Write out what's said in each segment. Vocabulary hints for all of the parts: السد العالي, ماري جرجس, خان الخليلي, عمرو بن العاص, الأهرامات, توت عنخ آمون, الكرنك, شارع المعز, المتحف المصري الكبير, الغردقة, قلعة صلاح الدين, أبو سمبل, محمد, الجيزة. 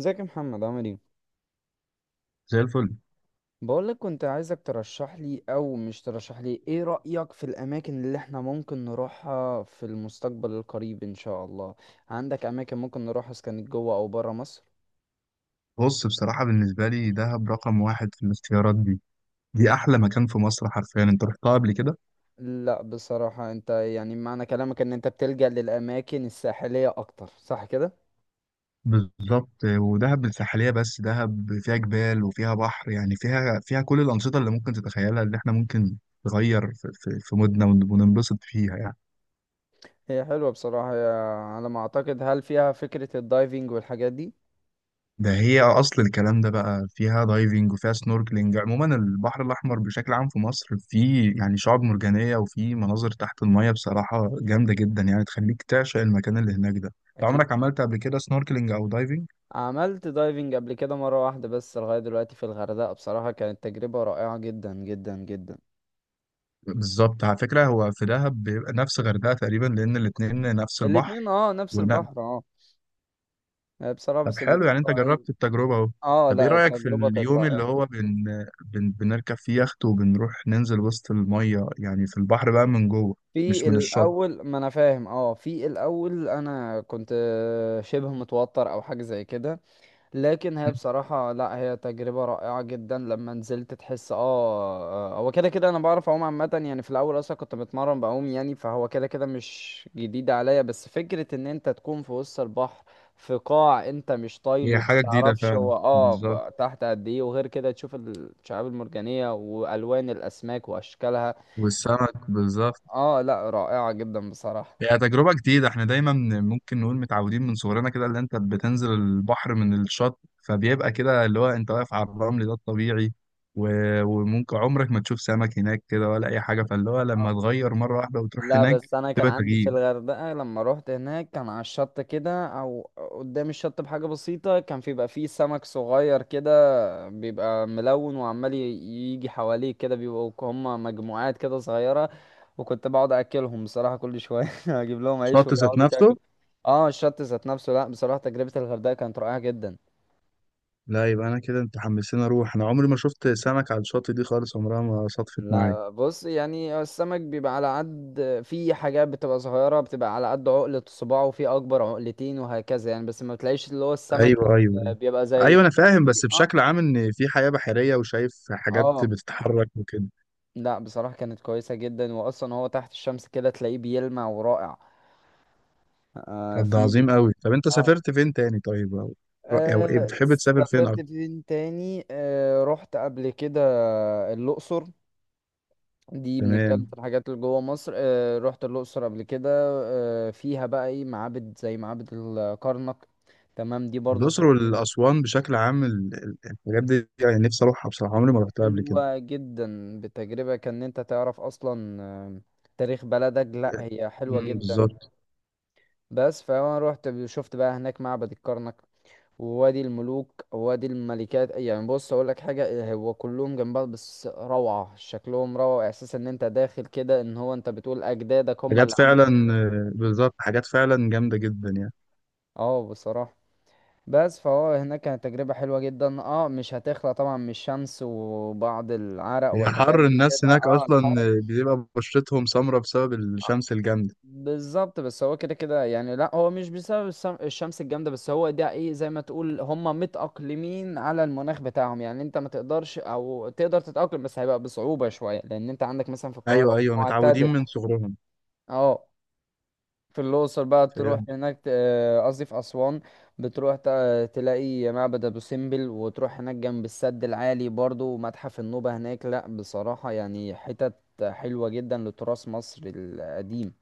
ازيك يا محمد، عامل ايه؟ زي الفل. بقولك كنت عايزك ترشح لي، او مش ترشح لي، ايه رأيك في الاماكن اللي احنا ممكن نروحها في المستقبل القريب ان شاء الله؟ عندك اماكن ممكن نروحها اذا كانت جوه او بره مصر؟ بص، بصراحة بالنسبة لي دهب رقم واحد في الاختيارات دي. دي أحلى مكان في مصر حرفيا. أنت رحتها قبل كده؟ لا بصراحة، انت يعني معنى كلامك ان انت بتلجأ للاماكن الساحلية اكتر، صح كده؟ بالظبط، ودهب الساحلية، بس دهب فيها جبال وفيها بحر، يعني فيها كل الأنشطة اللي ممكن تتخيلها، اللي إحنا ممكن نغير في مودنا وننبسط فيها يعني. هي حلوة بصراحة. هي على ما اعتقد، هل فيها فكرة الدايفنج والحاجات دي؟ ده هي اصل الكلام ده. بقى فيها دايفنج وفيها سنوركلينج. عموما البحر الاحمر بشكل عام في مصر فيه يعني شعاب مرجانيه، وفيه مناظر تحت الميه بصراحه جامده جدا، يعني تخليك تعشق المكان اللي هناك ده. انت عمرك اكيد. عملت قبل كده سنوركلينج او دايفنج؟ عملت دايفنج قبل كده مرة واحدة بس لغاية دلوقتي في الغردقة، بصراحة كانت تجربة رائعة جدا جدا جدا. بالظبط. على فكره هو في دهب بيبقى نفس غردقه تقريبا، لان الاتنين نفس البحر. الاتنين اه، نفس ونعم. البحر اه. آه، بصراحة طب بس حلو، الاتنين يعني انت رائعين. جربت التجربه اهو. اه، طب ايه لا رايك في التجربة كانت اليوم اللي رائعة. هو بنركب فيه يخت وبنروح ننزل وسط الميه، يعني في البحر بقى من جوه، مش في من الشط. الأول ما أنا فاهم اه في الأول أنا كنت شبه متوتر أو حاجة زي كده. لكن هي بصراحة، لا هي تجربة رائعة جدا، لما نزلت تحس اه. آه، هو كده كده انا بعرف اعوم عامة، يعني في الاول اصلا كنت بتمرن بعوم، يعني فهو كده كده مش جديد عليا، بس فكرة ان انت تكون في وسط البحر، في قاع انت مش طايله، هي ما حاجة جديدة تعرفش فعلا، هو بالظبط. تحت قد ايه، وغير كده تشوف الشعاب المرجانية والوان الاسماك واشكالها. والسمك بالظبط. اه، لا رائعة جدا بصراحة. هي تجربة جديدة. احنا دايما ممكن نقول متعودين من صغرنا كده، اللي انت بتنزل البحر من الشط، فبيبقى كده اللي هو انت واقف على الرمل، ده الطبيعي. وممكن عمرك ما تشوف سمك هناك كده ولا اي حاجة، فاللي هو لما آه. تغير مرة واحدة وتروح لا هناك بس انا كان تبقى عندي في تغيير. الغردقه، لما روحت هناك كان على الشط كده او قدام الشط بحاجه بسيطه، كان في بيبقى فيه سمك صغير كده، بيبقى ملون وعمال يجي حواليه كده، بيبقوا هم مجموعات كده صغيره. وكنت بقعد اكلهم بصراحه كل شويه، اجيب لهم عيش شط ذات ويقعدوا نفسه. ياكلوا. اه، الشط ذات نفسه. لا بصراحه تجربه الغردقه كانت رائعه جدا. لا، يبقى انا كده انت حمسني اروح، انا عمري ما شفت سمك على الشط دي خالص، عمرها ما صدفت معايا. لا بص، يعني السمك بيبقى على قد، في حاجات بتبقى صغيرة بتبقى على قد عقلة صباعه، وفي أكبر عقلتين وهكذا يعني، بس ما بتلاقيش اللي هو السمك ايوه، ايوه، اللي ايوه. بيبقى زي. ايوه انا فاهم، بس اه، بشكل عام ان في حياة بحرية وشايف حاجات اه، بتتحرك وكده. لا بصراحة كانت كويسة جدا، وأصلا هو تحت الشمس كده تلاقيه بيلمع ورائع. آه طب ده في عظيم الحاجة. قوي. طب انت اه، سافرت فين تاني طيب، او او ايه آه، بتحب تسافر فين سافرت اكتر؟ فين تاني؟ آه رحت قبل كده الأقصر. دي بنتكلم في تمام. الحاجات اللي جوه مصر. آه، رحت الأقصر قبل كده. آه، فيها بقى ايه، معابد زي معابد الكرنك. تمام، دي برضو الاقصر التجربة والاسوان بشكل عام، الحاجات دي يعني نفسي اروحها بصراحة، عمري ما رحتها قبل كده. حلوة جدا، بتجربة كان انت تعرف اصلا آه، تاريخ بلدك، لا هي حلوة امم، جدا. بالظبط. بس فانا رحت شفت بقى هناك معبد الكرنك ووادي الملوك ووادي الملكات، يعني بص اقول لك حاجة، هو كلهم جنب بعض بس روعة، شكلهم روعة، احساس ان انت داخل كده، ان هو انت بتقول اجدادك هم حاجات اللي عملوا. فعلا، آه، بالظبط حاجات فعلا جامدة جدا يعني. اه بصراحة، بس فهو هناك كانت تجربة حلوة جدا، اه مش هتخلى طبعا من الشمس وبعض العرق هي والحاجات حر دي الناس كده، هناك اه اصلا، الحر. آه، بيبقى بشرتهم سمرة بسبب الشمس الجامدة. بالظبط، بس هو كده كده يعني لا هو مش بسبب الشمس الجامدة بس، هو ده ايه، زي ما تقول هم متأقلمين على المناخ بتاعهم، يعني انت ما تقدرش او تقدر تتأقلم بس هيبقى بصعوبة شوية، لان انت عندك مثلا في القاهرة ايوه ايوه، متعودين معتدل. من صغرهم. اه، في الأقصر بقى تروح فاهم. هناك قصدي في أسوان، بتروح تلاقي معبد أبو سمبل، وتروح هناك جنب السد العالي برضو ومتحف النوبة هناك. لأ بصراحة يعني حتت حلوة جدا لتراث مصر القديم.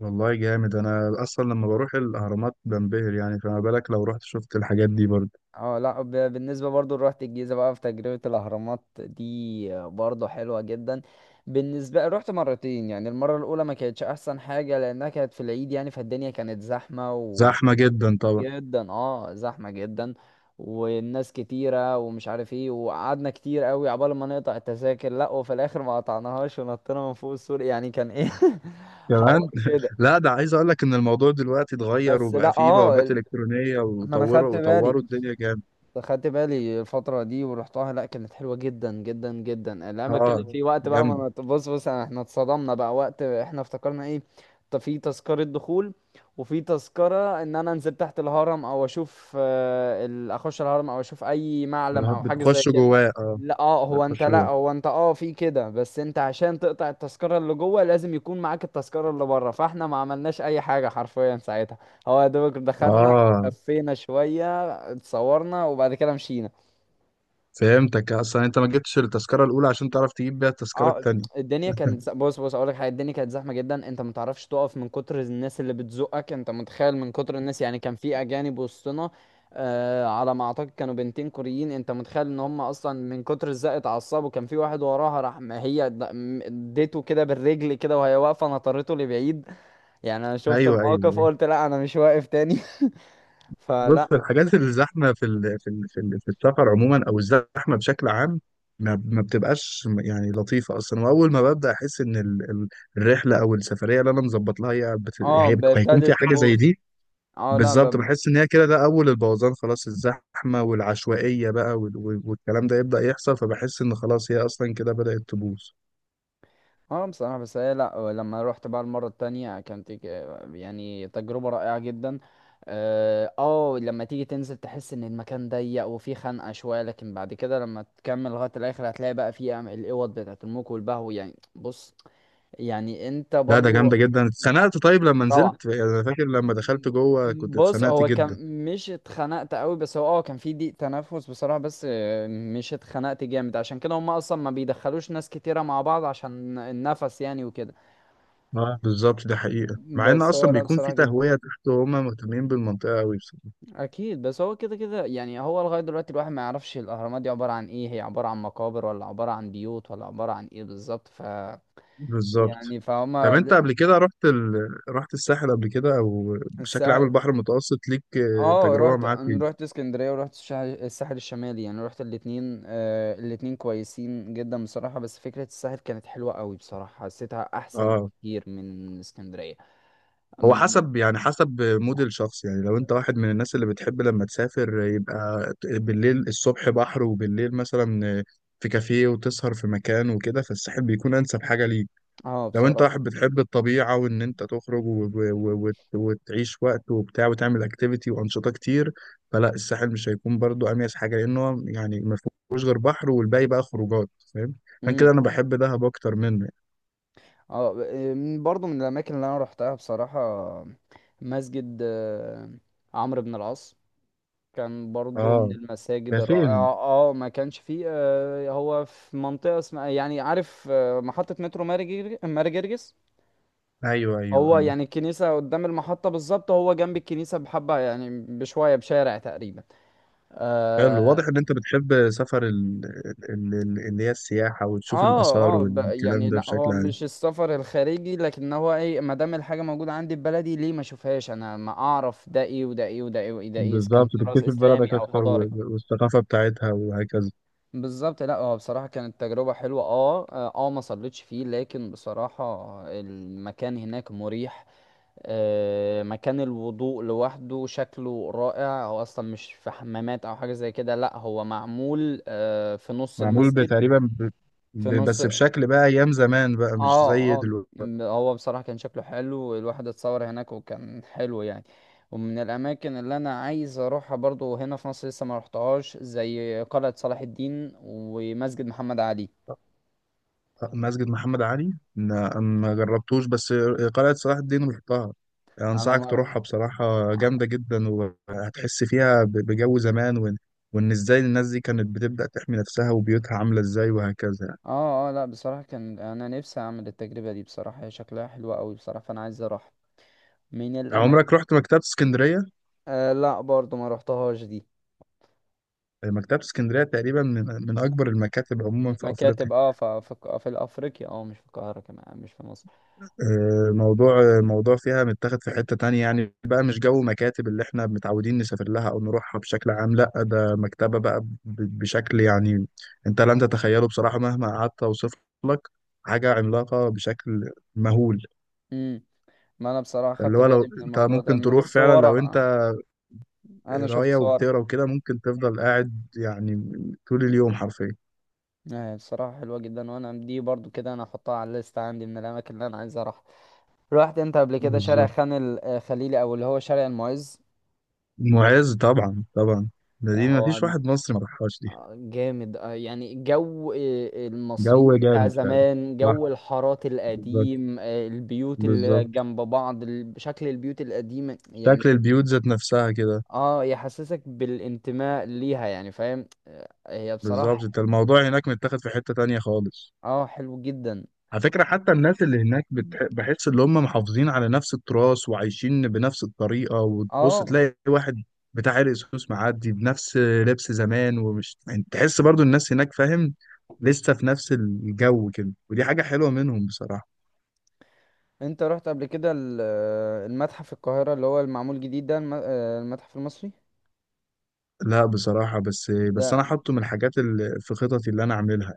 والله جامد، انا اصلا لما بروح الاهرامات بنبهر يعني، فما بالك لو رحت شفت الحاجات دي برضه. اه، لا بالنسبة برضو روحت الجيزة بقى في تجربة الأهرامات دي، آه، برضو حلوة جدا. بالنسبة رحت مرتين، يعني المرة الأولى ما كانتش أحسن حاجة لأنها كانت في العيد، يعني فالدنيا كانت زحمة زحمه جدا طبعا. جدا، اه زحمة جدا. والناس كتيرة ومش عارف ايه، وقعدنا كتير قوي عبال ما نقطع التذاكر، لا وفي الاخر ما قطعناهاش ونطينا من فوق السور، يعني كان ايه، حوار كمان كده. لا ده عايز اقول لك ان الموضوع دلوقتي اتغير بس وبقى لا فيه اه بوابات الكترونيه، ما انا وطوروا خدت بالي وطوروا الدنيا جامد. خدت بالي الفترة دي ورحتها، لا كانت حلوة جدا جدا جدا، اللي انا بتكلم اه فيه وقت بقى، جامده. ما أنا- بص بص احنا اتصدمنا بقى وقت احنا افتكرنا ايه. طب في تذكرة دخول، وفي تذكرة ان انا انزل تحت الهرم او اشوف آه، اخش الهرم، او اشوف اي معلم او حاجة زي بتخش كده. جواه اه. لا، اه، هو بتخش انت، لا جواه هو انت اه في كده، بس انت عشان تقطع التذكرة اللي جوه لازم يكون معاك التذكرة اللي بره، فاحنا ما عملناش اي حاجة حرفيا ساعتها. هو يا دوبك دخلنا، اه. لفينا شوية، اتصورنا وبعد كده مشينا. فهمتك، اصلا انت ما جبتش التذكره الاولى عشان تعرف تجيب بيها التذكره اه التانيه. الدنيا كانت بص بص اقول لك حاجه، الدنيا كانت زحمه جدا، انت ما تعرفش تقف من كتر الناس اللي بتزقك، انت متخيل من كتر الناس، يعني كان في اجانب وسطنا. آه، على ما اعتقد كانوا بنتين كوريين، انت متخيل ان هم اصلا من كتر الزق اتعصبوا، كان في واحد وراها راح، ما هي اديته كده بالرجل كده وهي واقفه، نطرته لبعيد. يعني انا شفت ايوه الموقف ايوه. قلت، لا انا مش واقف تاني. بص، في فلا. الحاجات الزحمه في السفر عموما، او الزحمه بشكل عام ما بتبقاش يعني لطيفه اصلا. واول ما ببدا احس ان الرحله او السفريه اللي انا مظبط لها اه هيكون ابتدت فيها حاجه زي تبوظ. دي، اه، لا بالظبط بحس ان هي كده، ده اول البوظان، خلاص الزحمه والعشوائيه بقى والكلام ده يبدا يحصل، فبحس ان خلاص هي اصلا كده بدات تبوظ. بصراحة بس هي لا آه، لما روحت بقى المرة التانية كانت يعني تجربة رائعة جدا. اه، آه، لما تيجي تنزل تحس ان المكان ضيق وفيه خنقة شوية، لكن بعد كده لما تكمل لغاية الاخر هتلاقي بقى فيه الاوض بتاعت الموك والبهو يعني، بص. يعني انت لا ده برضو جامده جدا. اتخنقت؟ طيب لما روعة. نزلت يعني، انا فاكر لما دخلت جوه كنت بص اتخنقت هو جدا. كان مش اتخنقت قوي، بس هو اه كان في ضيق تنفس بصراحة، بس آه، مش اتخنقت جامد، عشان كده هم اصلا ما بيدخلوش ناس كتيرة مع بعض عشان النفس، يعني وكده. اه بالظبط، ده حقيقة، مع ان بس هو اصلا لا بيكون في بصراحة جدا. تهوية تحت وهم مهتمين بالمنطقة قوي بصراحة. أكيد، بس هو كده كده يعني، هو لغاية دلوقتي الواحد ما يعرفش الأهرامات دي عبارة عن إيه، هي عبارة عن مقابر ولا عبارة عن بيوت ولا عبارة عن إيه بالظبط، ف بالظبط. يعني طب فهما انت قبل كده رحت الساحل قبل كده، او بشكل عام الساحل، البحر المتوسط ليك آه، اه تجربة معاه أنا فيه؟ رحت اسكندرية ورحت الساحل الشمالي، يعني رحت الاتنين، آه الاتنين كويسين جدا بصراحة، بس فكرة الساحل كانت حلوة قوي بصراحة، حسيتها أحسن اه كتير من اسكندرية. هو أم- حسب، يعني حسب مود الشخص. يعني لو انت واحد من الناس اللي بتحب لما تسافر يبقى بالليل الصبح بحر، وبالليل مثلا في كافيه وتسهر في مكان وكده، فالساحل بيكون انسب حاجة ليك. اه لو انت بصراحة. واحد بتحب الطبيعة وان انت تخرج وتعيش وقت وبتاع وتعمل اكتيفيتي وانشطة كتير، فلا الساحل مش هيكون برضو اميز حاجة، لانه يعني ما فيهوش غير بحر والباقي بقى خروجات، فاهم؟ عشان إمم. كده انا بحب دهب اكتر منه. اه برضو من الاماكن اللي انا روحتها بصراحة، مسجد آه، عمرو بن العاص كان برضو اه. من ده المساجد فين؟ الرائعة، اه ما كانش فيه آه، هو في منطقة اسمها يعني عارف، آه، محطة مترو ماري جرجس. ايوه ايوه هو اه. يعني الكنيسة قدام المحطة بالظبط، هو جنب الكنيسة بحبة يعني بشوية بشارع تقريبا، حلو، آه. واضح ان انت بتحب سفر اللي هي السياحة، وتشوف اه، الآثار اه، والكلام يعني ده لا هو بشكل عام. مش السفر الخارجي، لكن هو ايه، ما دام الحاجه موجوده عندي في بلدي ليه ما اشوفهاش، انا ما اعرف ده ايه وده ايه وده ايه وده ايه، ده إيه، اذا كان بالظبط، تراث تكتشف بلدك اسلامي او اكتر حضاري. والثقافة بتاعتها وهكذا. بالظبط، لا هو بصراحه كانت تجربه حلوه، اه، اه، آه، ما صليتش فيه لكن بصراحه المكان هناك مريح. آه، مكان الوضوء لوحده شكله رائع، هو اصلا مش في حمامات او حاجه زي كده، لا هو معمول آه في نص معمول المسجد. بتقريبا ب... في ب... نص. بس بشكل بقى ايام زمان، بقى مش اه، زي اه، دلوقتي. هو بصراحة كان شكله حلو، الواحد اتصور هناك وكان حلو يعني. ومن الأماكن اللي أنا عايز أروحها برضو هنا في مصر لسه ما رحتهاش زي قلعة صلاح الدين ومسجد محمد علي. مسجد محمد علي لا، ما جربتوش. بس قلعة صلاح الدين رحتها، أنا انصحك ما رحت. تروحها بصراحة اه، جامدة جدا، وهتحس فيها بجو زمان، وان ازاي الناس دي كانت بتبدأ تحمي نفسها وبيوتها عاملة ازاي وهكذا يعني. اه، لا بصراحة كان أنا نفسي أعمل التجربة دي بصراحة، هي شكلها حلوة أوي بصراحة، فأنا عايز أروح من الأماكن. عمرك رحت مكتبة اسكندرية؟ آه، لا برضو ما رحتهاش دي. مكتبة اسكندرية تقريبا من اكبر المكاتب عموما في افريقيا. مكاتب، اه، في أفريقيا، اه مش في القاهرة كمان، مش في مصر. آه، موضوع فيها متاخد في حتة تانية يعني، بقى مش جو مكاتب اللي احنا متعودين نسافر لها او نروحها بشكل عام، لا ده مكتبة بقى بشكل يعني انت لن تتخيله بصراحة، مهما قعدت اوصف لك. حاجة عملاقة بشكل مهول. مم. ما انا بصراحة فاللي خدت هو لو بالي من انت الموضوع ده ممكن من تروح فعلا، لو انت صورها. انا شفت قراية صورها. وبتقرا وكده ممكن تفضل قاعد يعني طول اليوم حرفيا. آه، بصراحة حلوة جدا، وانا دي برضو كده انا احطها على الليست عندي من الاماكن اللي انا عايز اروح. رحت انت قبل كده شارع بالظبط. خان الخليلي، او اللي هو شارع المعز؟ معز طبعا طبعا، ده آه، دي هو مفيش واحد مصري ما راحهاش دي. جامد، آه يعني جو آه جو المصريين بتاع جامد فعلا. زمان، صح. جو الحارات بالظبط. القديم آه، البيوت اللي بالظبط. جنب بعض، شكل البيوت القديمة يعني. شكل البيوت ذات نفسها كده. اه يحسسك بالانتماء ليها، يعني فاهم آه، هي بالظبط، انت بصراحة، الموضوع هناك متاخد في حتة تانية خالص. اه حلو جدا. على فكرة حتى الناس اللي هناك مم. بحس ان هم محافظين على نفس التراث وعايشين بنفس الطريقة، وتبص اه، تلاقي واحد بتاع عرق سوس معدي بنفس لبس زمان، ومش يعني، تحس برضو الناس هناك فاهم لسه في نفس الجو كده، ودي حاجة حلوة منهم بصراحة. انت رحت قبل كده المتحف القاهرة اللي هو المعمول جديد ده، المتحف المصري لا بصراحة، بس أنا ده. حاطه من الحاجات اللي في خططي اللي أنا أعملها.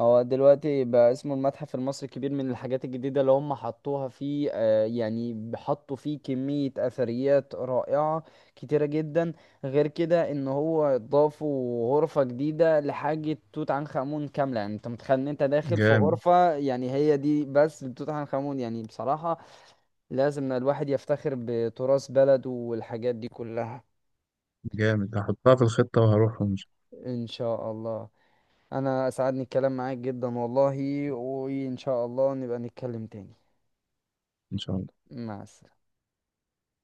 هو دلوقتي بقى اسمه المتحف المصري الكبير، من الحاجات الجديدة اللي هم حطوها فيه آه، يعني حطوا فيه كمية أثريات رائعة كتيرة جدا. غير كده ان هو ضافوا غرفة جديدة لحاجة توت عنخ آمون كاملة، يعني انت متخيل ان انت داخل في جامد. غرفة يعني هي دي بس لتوت عنخ آمون، يعني بصراحة لازم الواحد يفتخر بتراث بلده والحاجات دي كلها. جامد، هحطها في الخطة وهروحهم إن شاء. ان شاء الله. انا اسعدني الكلام معاك جدا والله، وان شاء الله نبقى نتكلم تاني. إن شاء الله. مع السلامة.